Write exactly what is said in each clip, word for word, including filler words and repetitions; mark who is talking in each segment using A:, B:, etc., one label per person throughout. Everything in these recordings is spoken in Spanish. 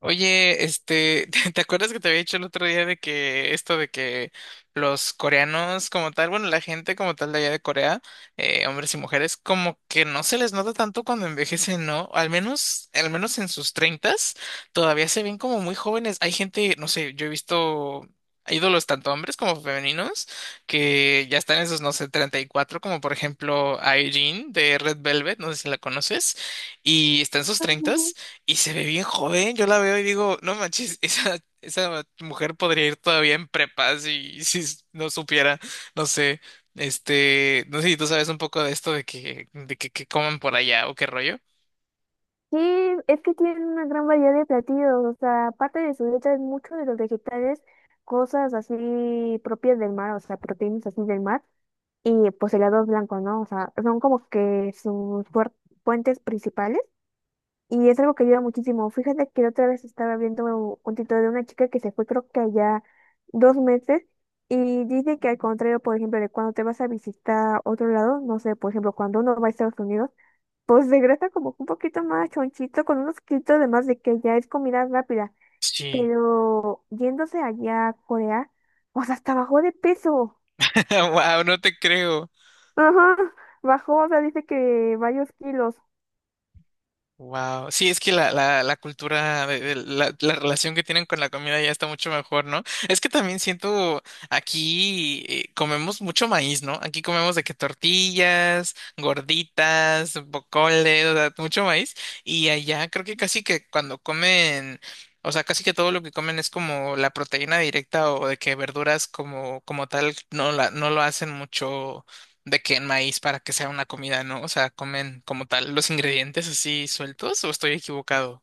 A: Oye, este, ¿te te acuerdas que te había dicho el otro día de que esto de que los coreanos como tal? Bueno, la gente como tal de allá de Corea, eh, hombres y mujeres, como que no se les nota tanto cuando envejecen, ¿no? Al menos, al menos en sus treintas, todavía se ven como muy jóvenes. Hay gente, no sé, yo he visto ídolos tanto hombres como femeninos que ya están en sus, no sé, treinta y cuatro, como por ejemplo Irene de Red Velvet, no sé si la conoces, y está en sus
B: Ujú.
A: treintas. Y se ve bien joven, yo la veo y digo, no manches, esa, esa mujer podría ir todavía en prepa si, si s- no supiera, no sé, este, no sé si tú sabes un poco de esto de que, de que, que coman por allá o qué rollo.
B: Sí, es que tienen una gran variedad de platillos, o sea, aparte de su dieta, muchos de los vegetales, cosas así propias del mar, o sea, proteínas así del mar, y pues helados blancos, ¿no? O sea, son como que sus fuer- fuentes principales, y es algo que ayuda muchísimo. Fíjate que otra vez estaba viendo un título de una chica que se fue creo que allá dos meses, y dice que al contrario, por ejemplo, de cuando te vas a visitar otro lado, no sé, por ejemplo, cuando uno va a Estados Unidos, pues regresa como un poquito más chonchito, con unos kilitos de más de que ya es comida rápida.
A: Sí.
B: Pero yéndose allá a Corea, o sea, hasta bajó de peso.
A: Wow, no te creo.
B: Ajá, bajó, o sea, dice que varios kilos.
A: Wow, sí, es que la, la, la cultura, de- de- la, la relación que tienen con la comida ya está mucho mejor, ¿no? Es que también siento aquí eh, comemos mucho maíz, ¿no? Aquí comemos de que tortillas, gorditas, bocoles, o sea, mucho maíz. Y allá creo que casi que cuando comen, o sea, casi que todo lo que comen es como la proteína directa o de que verduras como, como tal no la, no lo hacen mucho de que en maíz para que sea una comida, ¿no? O sea, comen como tal los ingredientes así sueltos o estoy equivocado.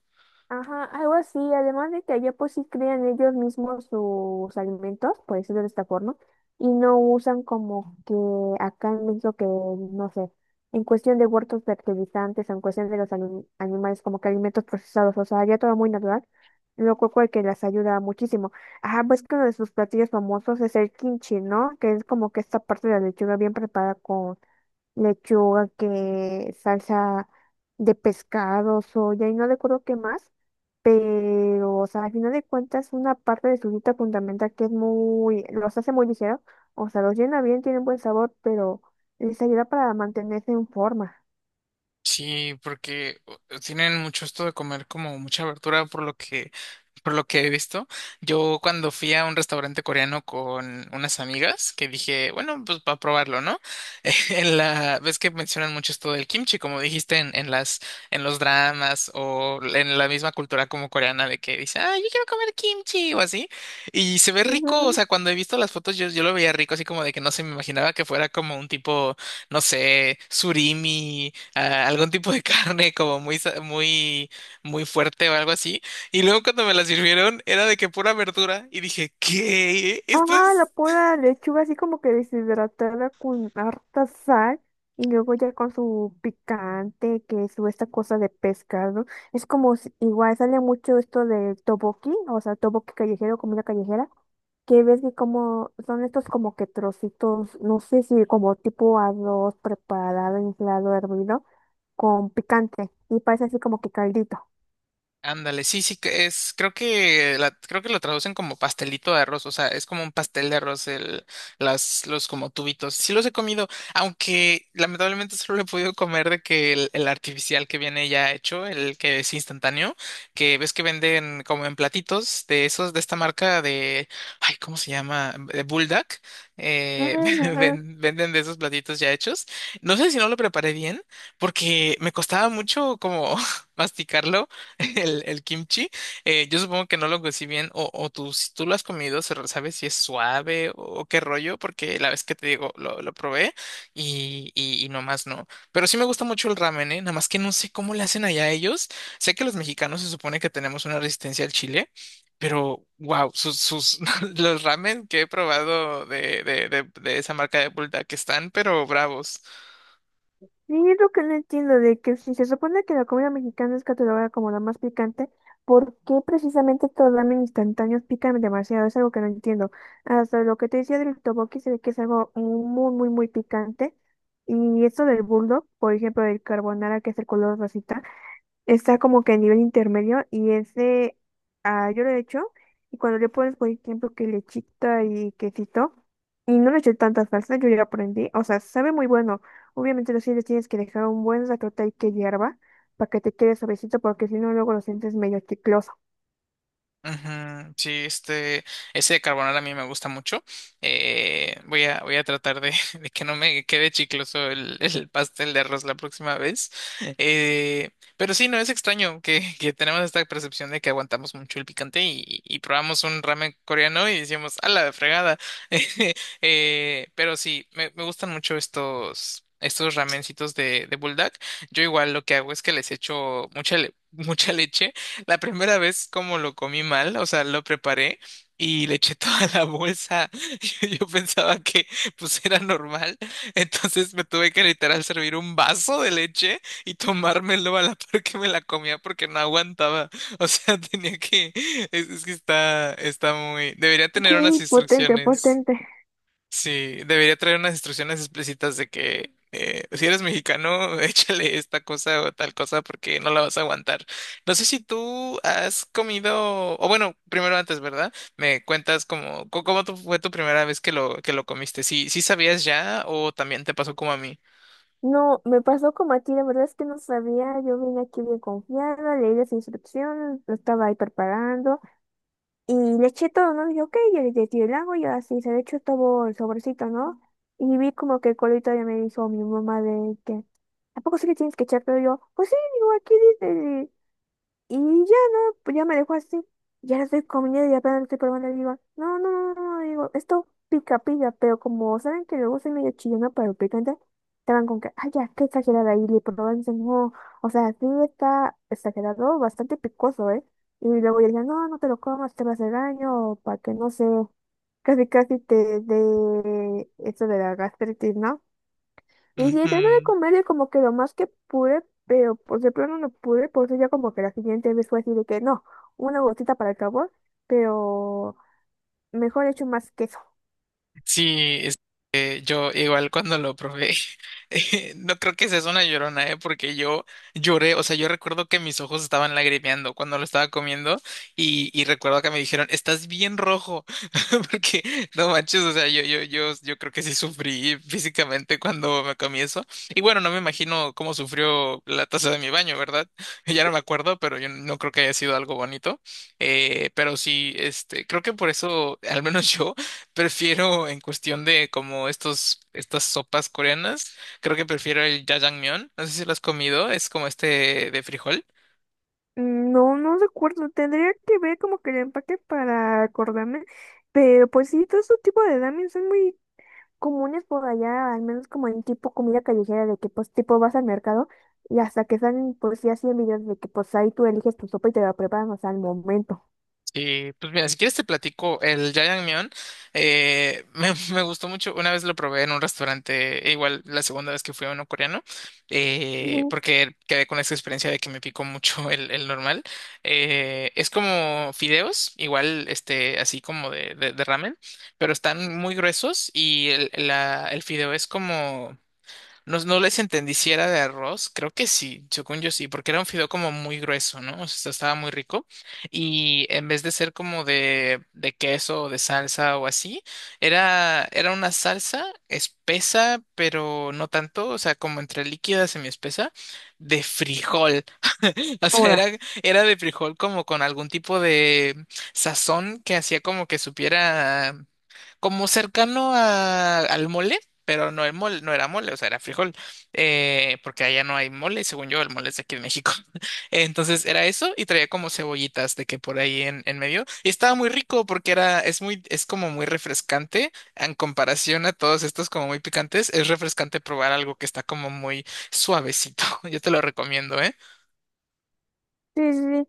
B: Ajá, algo así, además de que allá pues sí crean ellos mismos sus alimentos, por decirlo de esta forma, y no usan como que acá en México que, no sé, en cuestión de huertos fertilizantes, en cuestión de los anim- animales como que alimentos procesados, o sea, ya todo muy natural, lo cual que les ayuda muchísimo. Ajá, pues que uno de sus platillos famosos es el kimchi, ¿no? Que es como que esta parte de la lechuga bien preparada con lechuga, que salsa de pescado, soya y no recuerdo qué más pero, o sea, al final de cuentas, una parte de su dieta fundamental que es muy, los hace muy ligero, o sea, los llena bien, tienen buen sabor, pero les ayuda para mantenerse en forma.
A: Sí, porque o- tienen mucho esto de comer como mucha verdura, por lo que por lo que he visto. Yo cuando fui a un restaurante coreano con unas amigas, que dije, bueno, pues para probarlo, ¿no? En la, ves que mencionan mucho esto del kimchi, como dijiste en, en las, en los dramas o en la misma cultura como coreana de que dice, ah, yo quiero comer kimchi o así. Y se ve rico, o
B: Ujú.
A: sea, cuando he visto las fotos yo, yo lo veía rico, así como de que no se me imaginaba que fuera como un tipo, no sé, surimi, ah, algún tipo de carne como muy, sa- muy, muy fuerte o algo así. Y luego cuando me la sirvieron era de que pura verdura y dije, ¿qué? ¿Esto
B: Ah, la
A: es
B: pura lechuga así como que deshidratada con harta sal y luego ya con su picante, que su esta cosa de pescado. Es como si- igual sale mucho esto de toboki, o sea, toboki callejero, comida callejera que ves que como son estos como que trocitos, no sé si como tipo arroz preparado, inflado, hervido, con picante, y parece así como que caldito.
A: Ándale, sí, sí, que es, creo que la, creo que lo traducen como pastelito de arroz, o sea, es como un pastel de arroz, el, las, los como tubitos. Sí los he comido, aunque lamentablemente solo lo he podido comer de que el, el artificial que viene ya hecho, el que es instantáneo, que ves que venden como en platitos de esos, de esta marca de, ay, ¿cómo se llama? De Bulldog, eh,
B: Ujú.
A: ven- venden de esos platitos ya hechos. No sé si no lo preparé bien, porque me costaba mucho como masticarlo el, el kimchi. Eh, yo supongo que no lo cocí bien, o, o tú, si tú lo has comido, se re- sabes si es suave o, o qué rollo, porque la vez que te digo, lo, lo probé y, y, y nomás no. Pero sí me gusta mucho el ramen, ¿eh? Nada más que no sé cómo le hacen allá ellos. Sé que los mexicanos se supone que tenemos una resistencia al chile. Pero, wow, sus, sus, los ramen que he probado de, de, de, de esa marca de Bulldog que están, pero bravos.
B: Sí, es lo que no entiendo de que si se supone que la comida mexicana es catalogada como la más picante, ¿por qué precisamente todos los ramen instantáneos pican demasiado? Es algo que no entiendo. Hasta lo que te decía del tteokbokki se ve que es algo muy, muy, muy picante. Y esto del bulldog, por ejemplo, del carbonara que es el color rosita, está como que a nivel intermedio. Y ese, ah, yo lo he hecho, y cuando le pones por ejemplo que lechita y quesito y no le eché tanta salsa, yo ya lo aprendí, o sea, sabe muy bueno. Obviamente los chiles tienes que dejar un buen ratote ahí que hierva para que te quede suavecito porque si no luego lo sientes medio chicloso.
A: Ujú, sí, este, ese de carbonara a mí me gusta mucho. Eh, voy a, voy a tratar de, de que no me quede chicloso el, el pastel de arroz la próxima vez. Eh, pero sí, no es extraño que, que tenemos esta percepción de que aguantamos mucho el picante y, y y probamos un ramen coreano y decimos, a la fregada. Eh, pero sí, me, me gustan mucho estos, estos ramencitos de, de bulldog. Yo igual lo que hago es que les echo mucha, le- mucha leche. La primera vez como lo comí mal, o sea, lo preparé y le eché toda la bolsa. Yo, yo pensaba que pues era normal, entonces me tuve que literal servir un vaso de leche y tomármelo a la par que me la comía porque no aguantaba. O sea, tenía que, es, es que está, está muy, debería tener unas
B: Sí, potente,
A: instrucciones.
B: potente.
A: Sí, debería traer unas instrucciones explícitas de que eh, si eres mexicano, échale esta cosa o tal cosa porque no la vas a aguantar. No sé si tú has comido, o bueno, primero antes, ¿verdad? Me cuentas cómo, co- cómo tu- fue tu primera vez que lo, que lo comiste. ¿Sí, sí sabías ya o también te pasó como a mí?
B: No, me pasó como a ti, la verdad es que no sabía, yo vine aquí bien confiada, leí las instrucciones, lo estaba ahí preparando, y le eché todo, ¿no? Y dije, ok, yo le eché el agua y así se le echó todo el sobrecito, ¿no? Y vi como que el colito ya me dijo mi mamá de que, ¿a poco sí le tienes que echar todo? Y yo, pues sí, digo, aquí dice. Y ya no, pues ya me dejó así. Ya la estoy comiendo y apenas la estoy probando. Le digo, no, no, no, no, no, digo, esto pica, pica, pero como saben que luego soy medio chillona para el picante, estaban con que, ay, ya, qué exagerada. Y le probaban y dicen, no, o sea, sí está exagerado, bastante picoso, ¿eh? Y luego ya decían, no, no te lo comas, te va a hacer daño, o para que no sé, casi, casi te dé eso de la gastritis, ¿no? Y sí, traté de comerle como que lo más que pude, pero pues de plano no pude, por eso ya como que la siguiente vez fue así de que no, una gotita para el sabor, pero mejor hecho más queso.
A: Sí, este, yo igual cuando lo probé, eh, no creo que sea una llorona, eh, porque yo lloré, o sea, yo recuerdo que mis ojos estaban lagrimeando cuando lo estaba comiendo y, y recuerdo que me dijeron, estás bien rojo, porque no manches, o sea, yo, yo, yo, yo creo que sí sufrí físicamente cuando me comí eso. Y bueno, no me imagino cómo sufrió la taza de mi baño, ¿verdad? Ya no me acuerdo, pero yo no creo que haya sido algo bonito. Eh, pero sí, este, creo que por eso, al menos yo prefiero en cuestión de como estos, estas sopas coreanas, creo que prefiero el jajangmyeon. No sé si lo has comido, es como este de frijol.
B: Mm, no, no recuerdo, tendría que ver como que el empaque para acordarme, pero pues sí, todo ese tipo de ramen son muy comunes por allá, al menos como en tipo comida callejera, de que pues tipo vas al mercado y hasta que salen pues ya cien videos de que pues ahí tú eliges tu sopa y te la preparan, o sea, al momento.
A: Y pues mira, si quieres te platico el Jajangmyeon. Eh, me, me gustó mucho. Una vez lo probé en un restaurante, e igual la segunda vez que fui a uno coreano, eh,
B: Ujú.
A: porque quedé con esa experiencia de que me picó mucho el, el normal. Eh, es como fideos, igual este, así como de, de, de ramen, pero están muy gruesos y el, la- el fideo es como no, no les entendí si era de arroz, creo que sí, según yo sí, porque era un fideo como muy grueso, ¿no? O sea, estaba muy rico. Y en vez de ser como de, de queso o de salsa o así, era, era una salsa espesa, pero no tanto, o sea, como entre líquida, semiespesa, de frijol. O sea, era,
B: Ahora.
A: era de frijol como con algún tipo de sazón que hacía como que supiera como cercano a- al mole, pero no el mole, no era mole, o sea, era frijol, eh, porque allá no hay mole, y según yo, el mole es de aquí en México. Entonces era eso y traía como cebollitas de que por ahí en, en medio. Y estaba muy rico porque era, es muy, es como muy refrescante en comparación a todos estos como muy picantes. Es refrescante probar algo que está como muy suavecito. Yo te lo recomiendo, ¿eh?
B: Sí, sí, sí.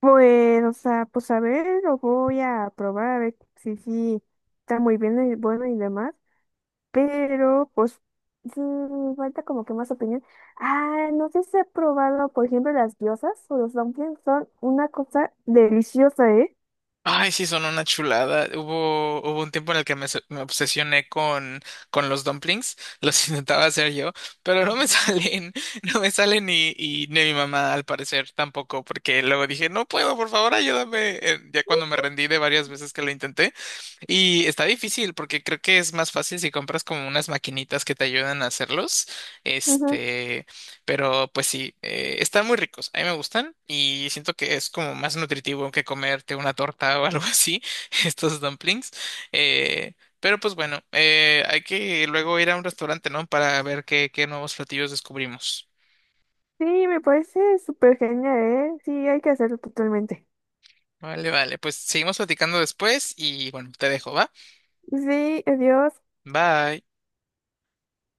B: Pues, o sea, pues a ver, lo voy a probar, a ver si sí está muy bien y bueno y demás, pero pues sí, me falta como que más opinión. Ah, no sé si he probado, por ejemplo, las diosas o los dumplings son una cosa deliciosa, ¿eh?
A: Ay, sí, son una chulada. Hubo, hubo un tiempo en el que me, se- me obsesioné con, con los dumplings. Los intentaba hacer yo, pero no me salen, no me salen y, y ni mi mamá al parecer tampoco, porque luego dije, no puedo, por favor, ayúdame. eh, Ya cuando me rendí de varias veces que lo intenté. Y está difícil porque creo que es más fácil si compras como unas maquinitas que te ayudan a hacerlos.
B: Ujú.
A: Este, pero pues sí, eh, están muy ricos. A mí me gustan y siento que es como más nutritivo que comerte una torta o algo así, estos dumplings. Eh, pero pues bueno, eh, hay que luego ir a un restaurante, ¿no? Para ver qué, qué nuevos platillos descubrimos.
B: Sí, me parece súper genial, ¿eh? Sí, hay que hacerlo totalmente.
A: Vale, vale, pues seguimos platicando después y bueno, te dejo, ¿va?
B: Sí, adiós.
A: Bye.